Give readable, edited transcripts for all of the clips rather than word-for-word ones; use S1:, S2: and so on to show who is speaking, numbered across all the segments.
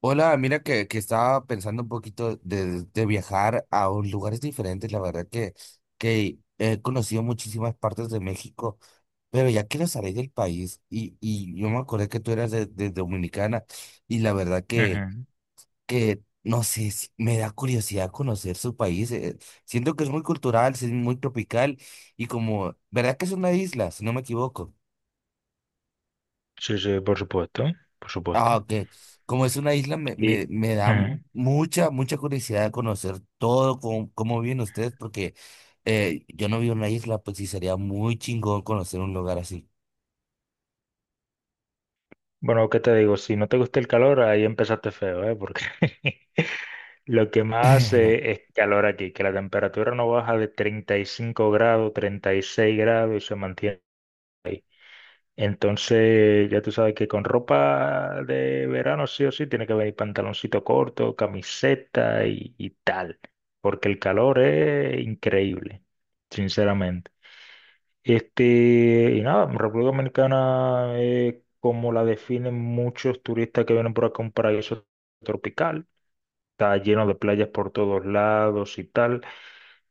S1: Hola, mira que estaba pensando un poquito de viajar a lugares diferentes. La verdad que he conocido muchísimas partes de México, pero ya quiero salir del país. Y yo me acordé que tú eras de Dominicana y la verdad
S2: Ujú.
S1: que no sé, me da curiosidad conocer su país. Siento que es muy cultural, es muy tropical y como, ¿verdad que es una isla, si no me equivoco?
S2: Sí, sí, por supuesto, por supuesto.
S1: Ah, ok. Como es una isla, me,
S2: Y
S1: me, me da
S2: Ujú.
S1: mucha curiosidad conocer todo, cómo, cómo viven ustedes, porque yo no vivo en una isla, pues sí sería muy chingón conocer un lugar así.
S2: Bueno, ¿qué te digo? Si no te gusta el calor, ahí empezaste feo, ¿eh? Porque lo que más hace es calor aquí, que la temperatura no baja de 35 grados, 36 grados y se mantiene. Entonces, ya tú sabes que con ropa de verano sí o sí tiene que venir pantaloncito corto, camiseta y tal, porque el calor es increíble, sinceramente. Este, y nada, República Dominicana es como la definen muchos turistas que vienen por acá, un paraíso tropical. Está lleno de playas por todos lados y tal.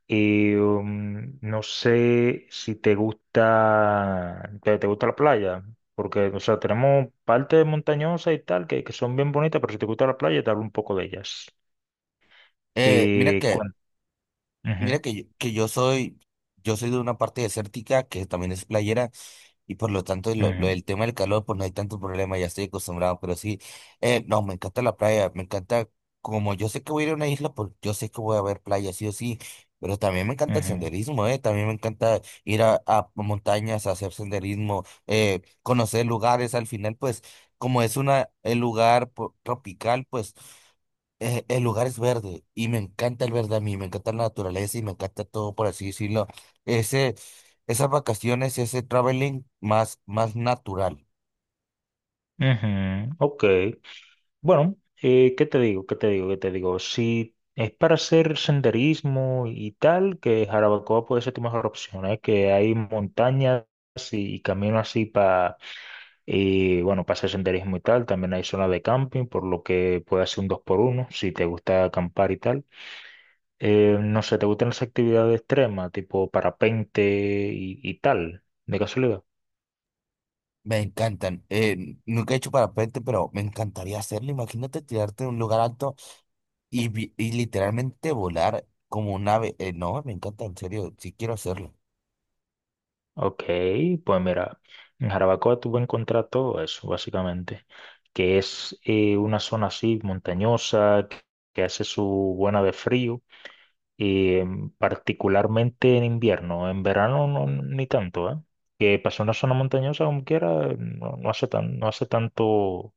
S2: Y no sé si te gusta, te gusta la playa, porque, o sea, tenemos partes montañosas y tal que son bien bonitas, pero si te gusta la playa, te hablo un poco de ellas.
S1: Eh, mira
S2: Y,
S1: que,
S2: cuan-
S1: mira
S2: Ujú,
S1: que, que yo soy de una parte desértica que también es playera. Y por lo tanto, lo
S2: ujú,
S1: del tema del calor, pues no hay tanto problema, ya estoy acostumbrado, pero sí, no, me encanta la playa, me encanta, como yo sé que voy a ir a una isla, pues yo sé que voy a ver playa, sí o sí, pero también me encanta el
S2: ujú,
S1: senderismo, también me encanta ir a montañas, a hacer senderismo, conocer lugares, al final, pues, como es una, el lugar tropical, pues, el lugar es verde y me encanta el verde a mí, me encanta la naturaleza y me encanta todo, por así decirlo. Esas vacaciones, ese traveling más, más natural.
S2: ujú. Ok. Bueno, ¿qué te digo? ¿Qué te digo? ¿Qué te digo? Si es para hacer senderismo y tal, que Jarabacoa puede ser tu mejor opción, ¿eh? Que hay montañas y caminos así para, bueno, para hacer senderismo y tal. También hay zona de camping, por lo que puede hacer un dos por uno si te gusta acampar y tal. No sé, ¿te gustan las actividades extremas, tipo parapente y tal, de casualidad?
S1: Me encantan. Nunca he hecho parapente, pero me encantaría hacerlo. Imagínate tirarte de un lugar alto y, y literalmente volar como un ave. No, me encanta, en serio, sí quiero hacerlo.
S2: Ok, pues mira, en Jarabacoa tú vas a encontrar todo eso, básicamente, que es una zona así montañosa, que hace su buena de frío, y particularmente en invierno, en verano no, ni tanto, ¿eh? Que pasó una zona montañosa como quiera, no, no hace tan, no hace tanto,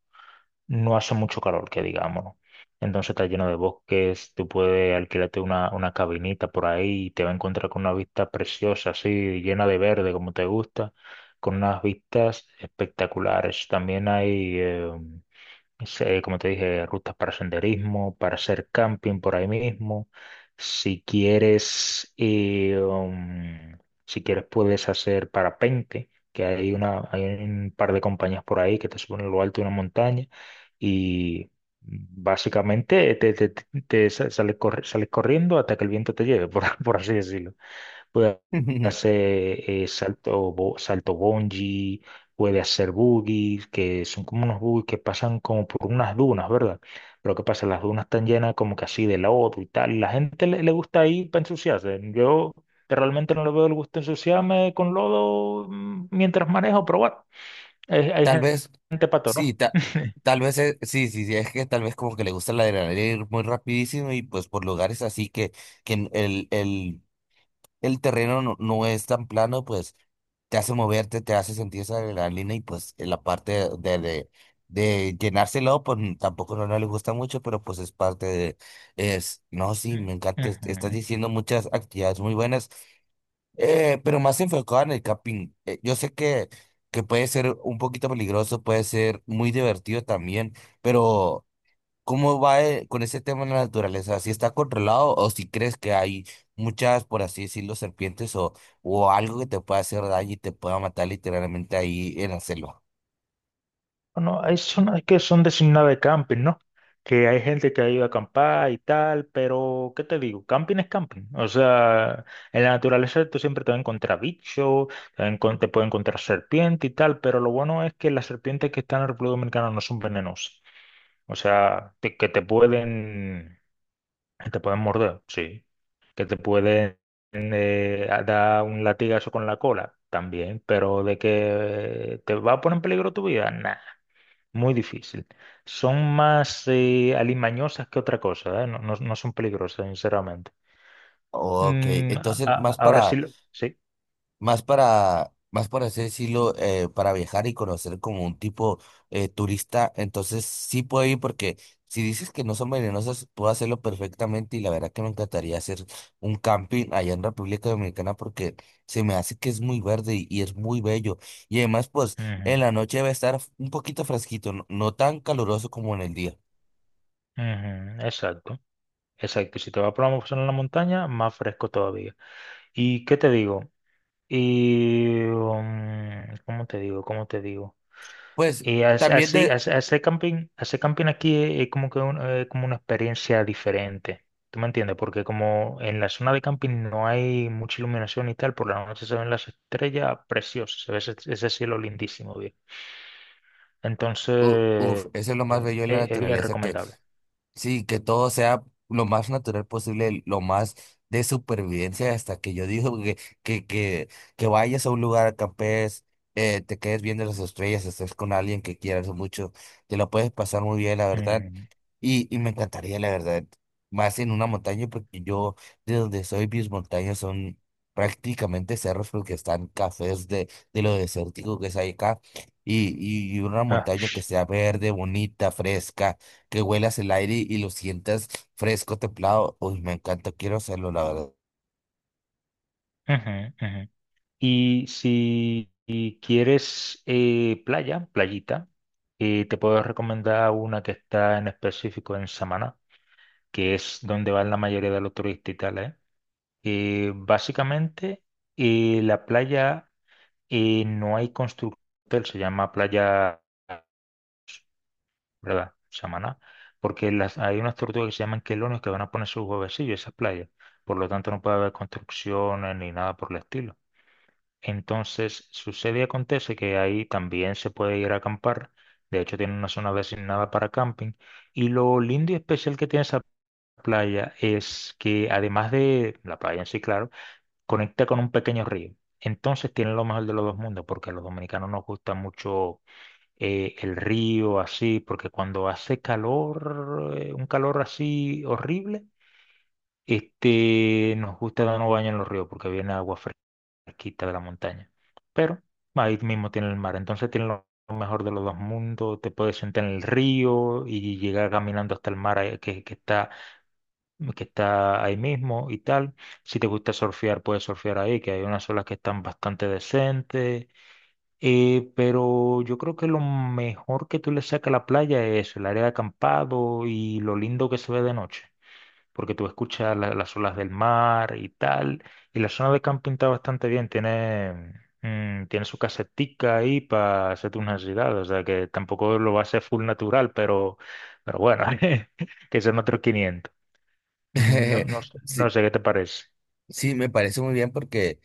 S2: no hace mucho calor, que digamos, ¿no? Entonces está lleno de bosques, tú puedes alquilarte una cabinita por ahí y te va a encontrar con una vista preciosa, así, llena de verde, como te gusta, con unas vistas espectaculares. También hay como te dije, rutas para senderismo, para hacer camping por ahí mismo. Si quieres, eh, um, si quieres puedes hacer parapente, que hay un par de compañías por ahí que te suben a lo alto de una montaña y básicamente sales, sales corriendo hasta que el viento te lleve, por, por así decirlo puede hacer salto bungee, puede hacer boogies, que son como unos boogies que pasan como por unas dunas, ¿verdad? Pero ¿qué pasa? Las dunas están llenas como que así de lodo y tal. La gente le gusta ir para ensuciarse. Yo realmente no le veo el gusto de ensuciarme con lodo mientras manejo, pero bueno, hay
S1: Tal vez,
S2: gente pato,
S1: sí,
S2: ¿no?
S1: tal vez, sí, sí, sí, es que tal vez como que le gusta la adrenalina ir muy rapidísimo y pues por lugares así que el terreno no, no es tan plano, pues te hace moverte, te hace sentir esa adrenalina y pues en la parte de llenárselo, pues tampoco no, no le gusta mucho, pero pues es parte de, es, no, sí, me encanta, estás
S2: Ujú.
S1: diciendo muchas actividades muy buenas, pero más enfocado en el camping. Yo sé que puede ser un poquito peligroso, puede ser muy divertido también, pero... ¿Cómo va con ese tema de la naturaleza? ¿Si está controlado o si crees que hay muchas, por así decirlo, serpientes o algo que te pueda hacer daño y te pueda matar literalmente ahí en la selva?
S2: Bueno, hay zonas que son designadas de camping, ¿no? Que hay gente que ha ido a acampar y tal, pero ¿qué te digo? Camping es camping. O sea, en la naturaleza tú siempre te vas a encontrar bichos, te puedes encontrar serpiente y tal, pero lo bueno es que las serpientes que están en la República Dominicana no son venenosas. O sea, que te pueden morder, sí. Que te pueden dar un latigazo con la cola también, pero de que te va a poner en peligro tu vida, nah. Muy difícil. Son más alimañosas que otra cosa, ¿eh? No, no son peligrosas, sinceramente.
S1: Ok, entonces más
S2: Ahora sí,
S1: para.
S2: sí.
S1: Más para, más para así decirlo, para viajar y conocer como un tipo turista, entonces sí puedo ir porque si dices que no son venenosas, puedo hacerlo perfectamente y la verdad que me encantaría hacer un camping allá en República Dominicana porque se me hace que es muy verde y es muy bello. Y además, pues en
S2: Ujú,
S1: la noche va a estar un poquito fresquito, no, no tan caluroso como en el día.
S2: ujú, exacto. Exacto. Si te vas por una zona en la montaña, más fresco todavía. ¿Y qué te digo? ¿Cómo te digo? ¿Cómo te digo?
S1: Pues también
S2: Así,
S1: de,
S2: hacer camping aquí es como que como una experiencia diferente. ¿Tú me entiendes? Porque como en la zona de camping no hay mucha iluminación y tal, por la noche se ven las estrellas preciosas, se ve ese cielo lindísimo, bien.
S1: u-
S2: Entonces,
S1: uf, eso es lo más bello de la
S2: es bien
S1: naturaleza que.
S2: recomendable.
S1: Sí, que todo sea lo más natural posible, lo más de supervivencia, hasta que yo digo que vayas a un lugar, acampes, te quedes viendo las estrellas, estés con alguien que quieras mucho, te lo puedes pasar muy bien, la verdad.
S2: Mm,
S1: Y me encantaría, la verdad, más en una montaña, porque yo de donde soy, mis montañas son prácticamente cerros, porque están cafés de lo desértico que es ahí acá. Y una
S2: ah,
S1: montaña que sea verde, bonita, fresca, que huelas el aire y lo sientas fresco, templado. Uy, me encanta, quiero hacerlo, la verdad.
S2: ujú, ujú. Y si y quieres playa, playita, te puedo recomendar una que está en específico en Samaná. Que es donde van la mayoría de los turistas y tal, ¿eh? Básicamente, la playa no hay constructor, se llama playa, ¿verdad? Samaná, porque hay unas tortugas que se llaman quelonios que van a poner sus huevecillos en esas playas, por lo tanto no puede haber construcciones ni nada por el estilo. Entonces, sucede y acontece que ahí también se puede ir a acampar, de hecho tiene una zona designada para camping, y lo lindo y especial que tiene esa playa es que además de la playa en sí, claro, conecta con un pequeño río. Entonces tiene lo mejor de los dos mundos, porque a los dominicanos nos gusta mucho el río así, porque cuando hace calor, un calor así horrible, este, nos gusta darnos baño en los ríos, porque viene agua fresquita de la montaña. Pero ahí mismo tiene el mar, entonces tiene lo mejor de los dos mundos, te puedes sentar en el río y llegar caminando hasta el mar, que está ahí mismo y tal. Si te gusta surfear, puedes surfear ahí, que hay unas olas que están bastante decentes. Pero yo creo que lo mejor que tú le sacas a la playa es el área de acampado y lo lindo que se ve de noche, porque tú escuchas las olas del mar y tal. Y la zona de camping está bastante bien, tiene su casetica ahí para hacer tus necesidades, o sea que tampoco lo va a hacer full natural, pero bueno, que son otros 500. Mm, no, no, no
S1: Sí,
S2: sé qué te parece.
S1: sí, me parece muy bien porque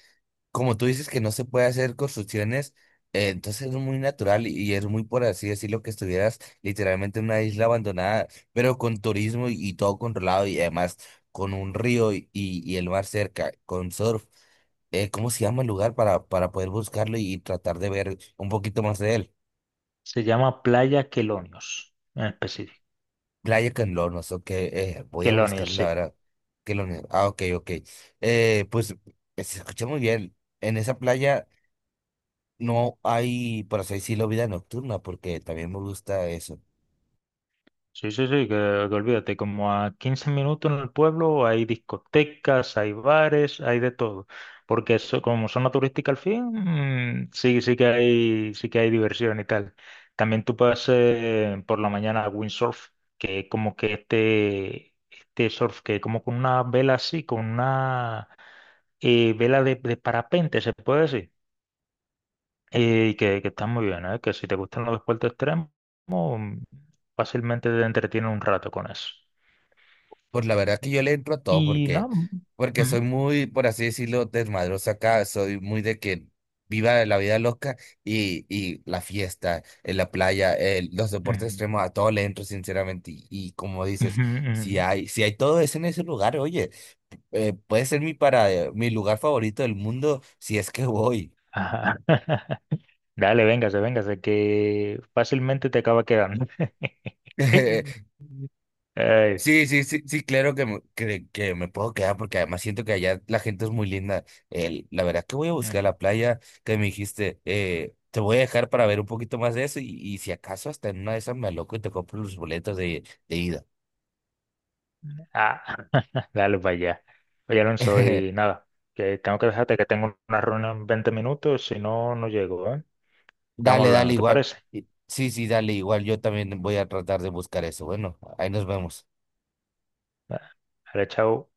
S1: como tú dices que no se puede hacer construcciones, entonces es muy natural y es muy, por así decirlo, que estuvieras literalmente en una isla abandonada, pero con turismo y todo controlado y además con un río y, y el mar cerca, con surf. ¿Cómo se llama el lugar para poder buscarlo y tratar de ver un poquito más de él?
S2: Se llama Playa Quelonios, en específico.
S1: Playa Canlonos, ok, voy a
S2: Quelonios,
S1: buscarlo
S2: sí.
S1: ahora. Que lo, ah, ok, ok. Pues se escucha muy bien. En esa playa. No hay, por así decirlo, vida nocturna, porque también me gusta eso.
S2: Sí, sí, sí, que olvídate, como a 15 minutos en el pueblo hay discotecas, hay bares, hay de todo. Porque eso, como zona turística al fin, sí, sí que hay diversión y tal. También tú puedes hacer por la mañana windsurf, que es como que este surf que es como con una vela así, con una vela de parapente, se puede decir. Y que están muy bien, ¿eh? Que si te gustan los deportes extremos, mm, fácilmente te entretienen un rato con eso.
S1: Pues la verdad que yo le entro a todo
S2: Y
S1: porque,
S2: no.
S1: porque
S2: Mm,
S1: soy muy, por así decirlo, desmadroso acá, soy muy de que viva la vida loca y la fiesta, en la playa, los deportes
S2: mm,
S1: extremos, a todo le entro sinceramente. Y como dices,
S2: mm,
S1: si
S2: mm.
S1: hay, si hay todo eso en ese lugar, oye, puede ser mi para, mi lugar favorito del mundo si es que voy.
S2: Ajá. Dale, véngase, véngase, que fácilmente te acaba quedando. Ay,
S1: Sí, sí, sí, sí, claro que me puedo quedar porque además siento que allá la gente es muy linda. La verdad que voy a buscar
S2: ujú.
S1: la playa que me dijiste, te voy a dejar para ver un poquito más de eso y si acaso hasta en una de esas me loco y te compro los boletos de ida.
S2: Ah, dale para allá. Oye, Alonso, y nada, que tengo que dejarte que tengo una reunión en 20 minutos, si no, no llego, ¿eh? Estamos
S1: Dale, dale,
S2: hablando, ¿te
S1: igual.
S2: parece?
S1: Sí, sí, dale, igual. Yo también voy a tratar de buscar eso. Bueno, ahí nos vemos.
S2: Ah, dale, chao.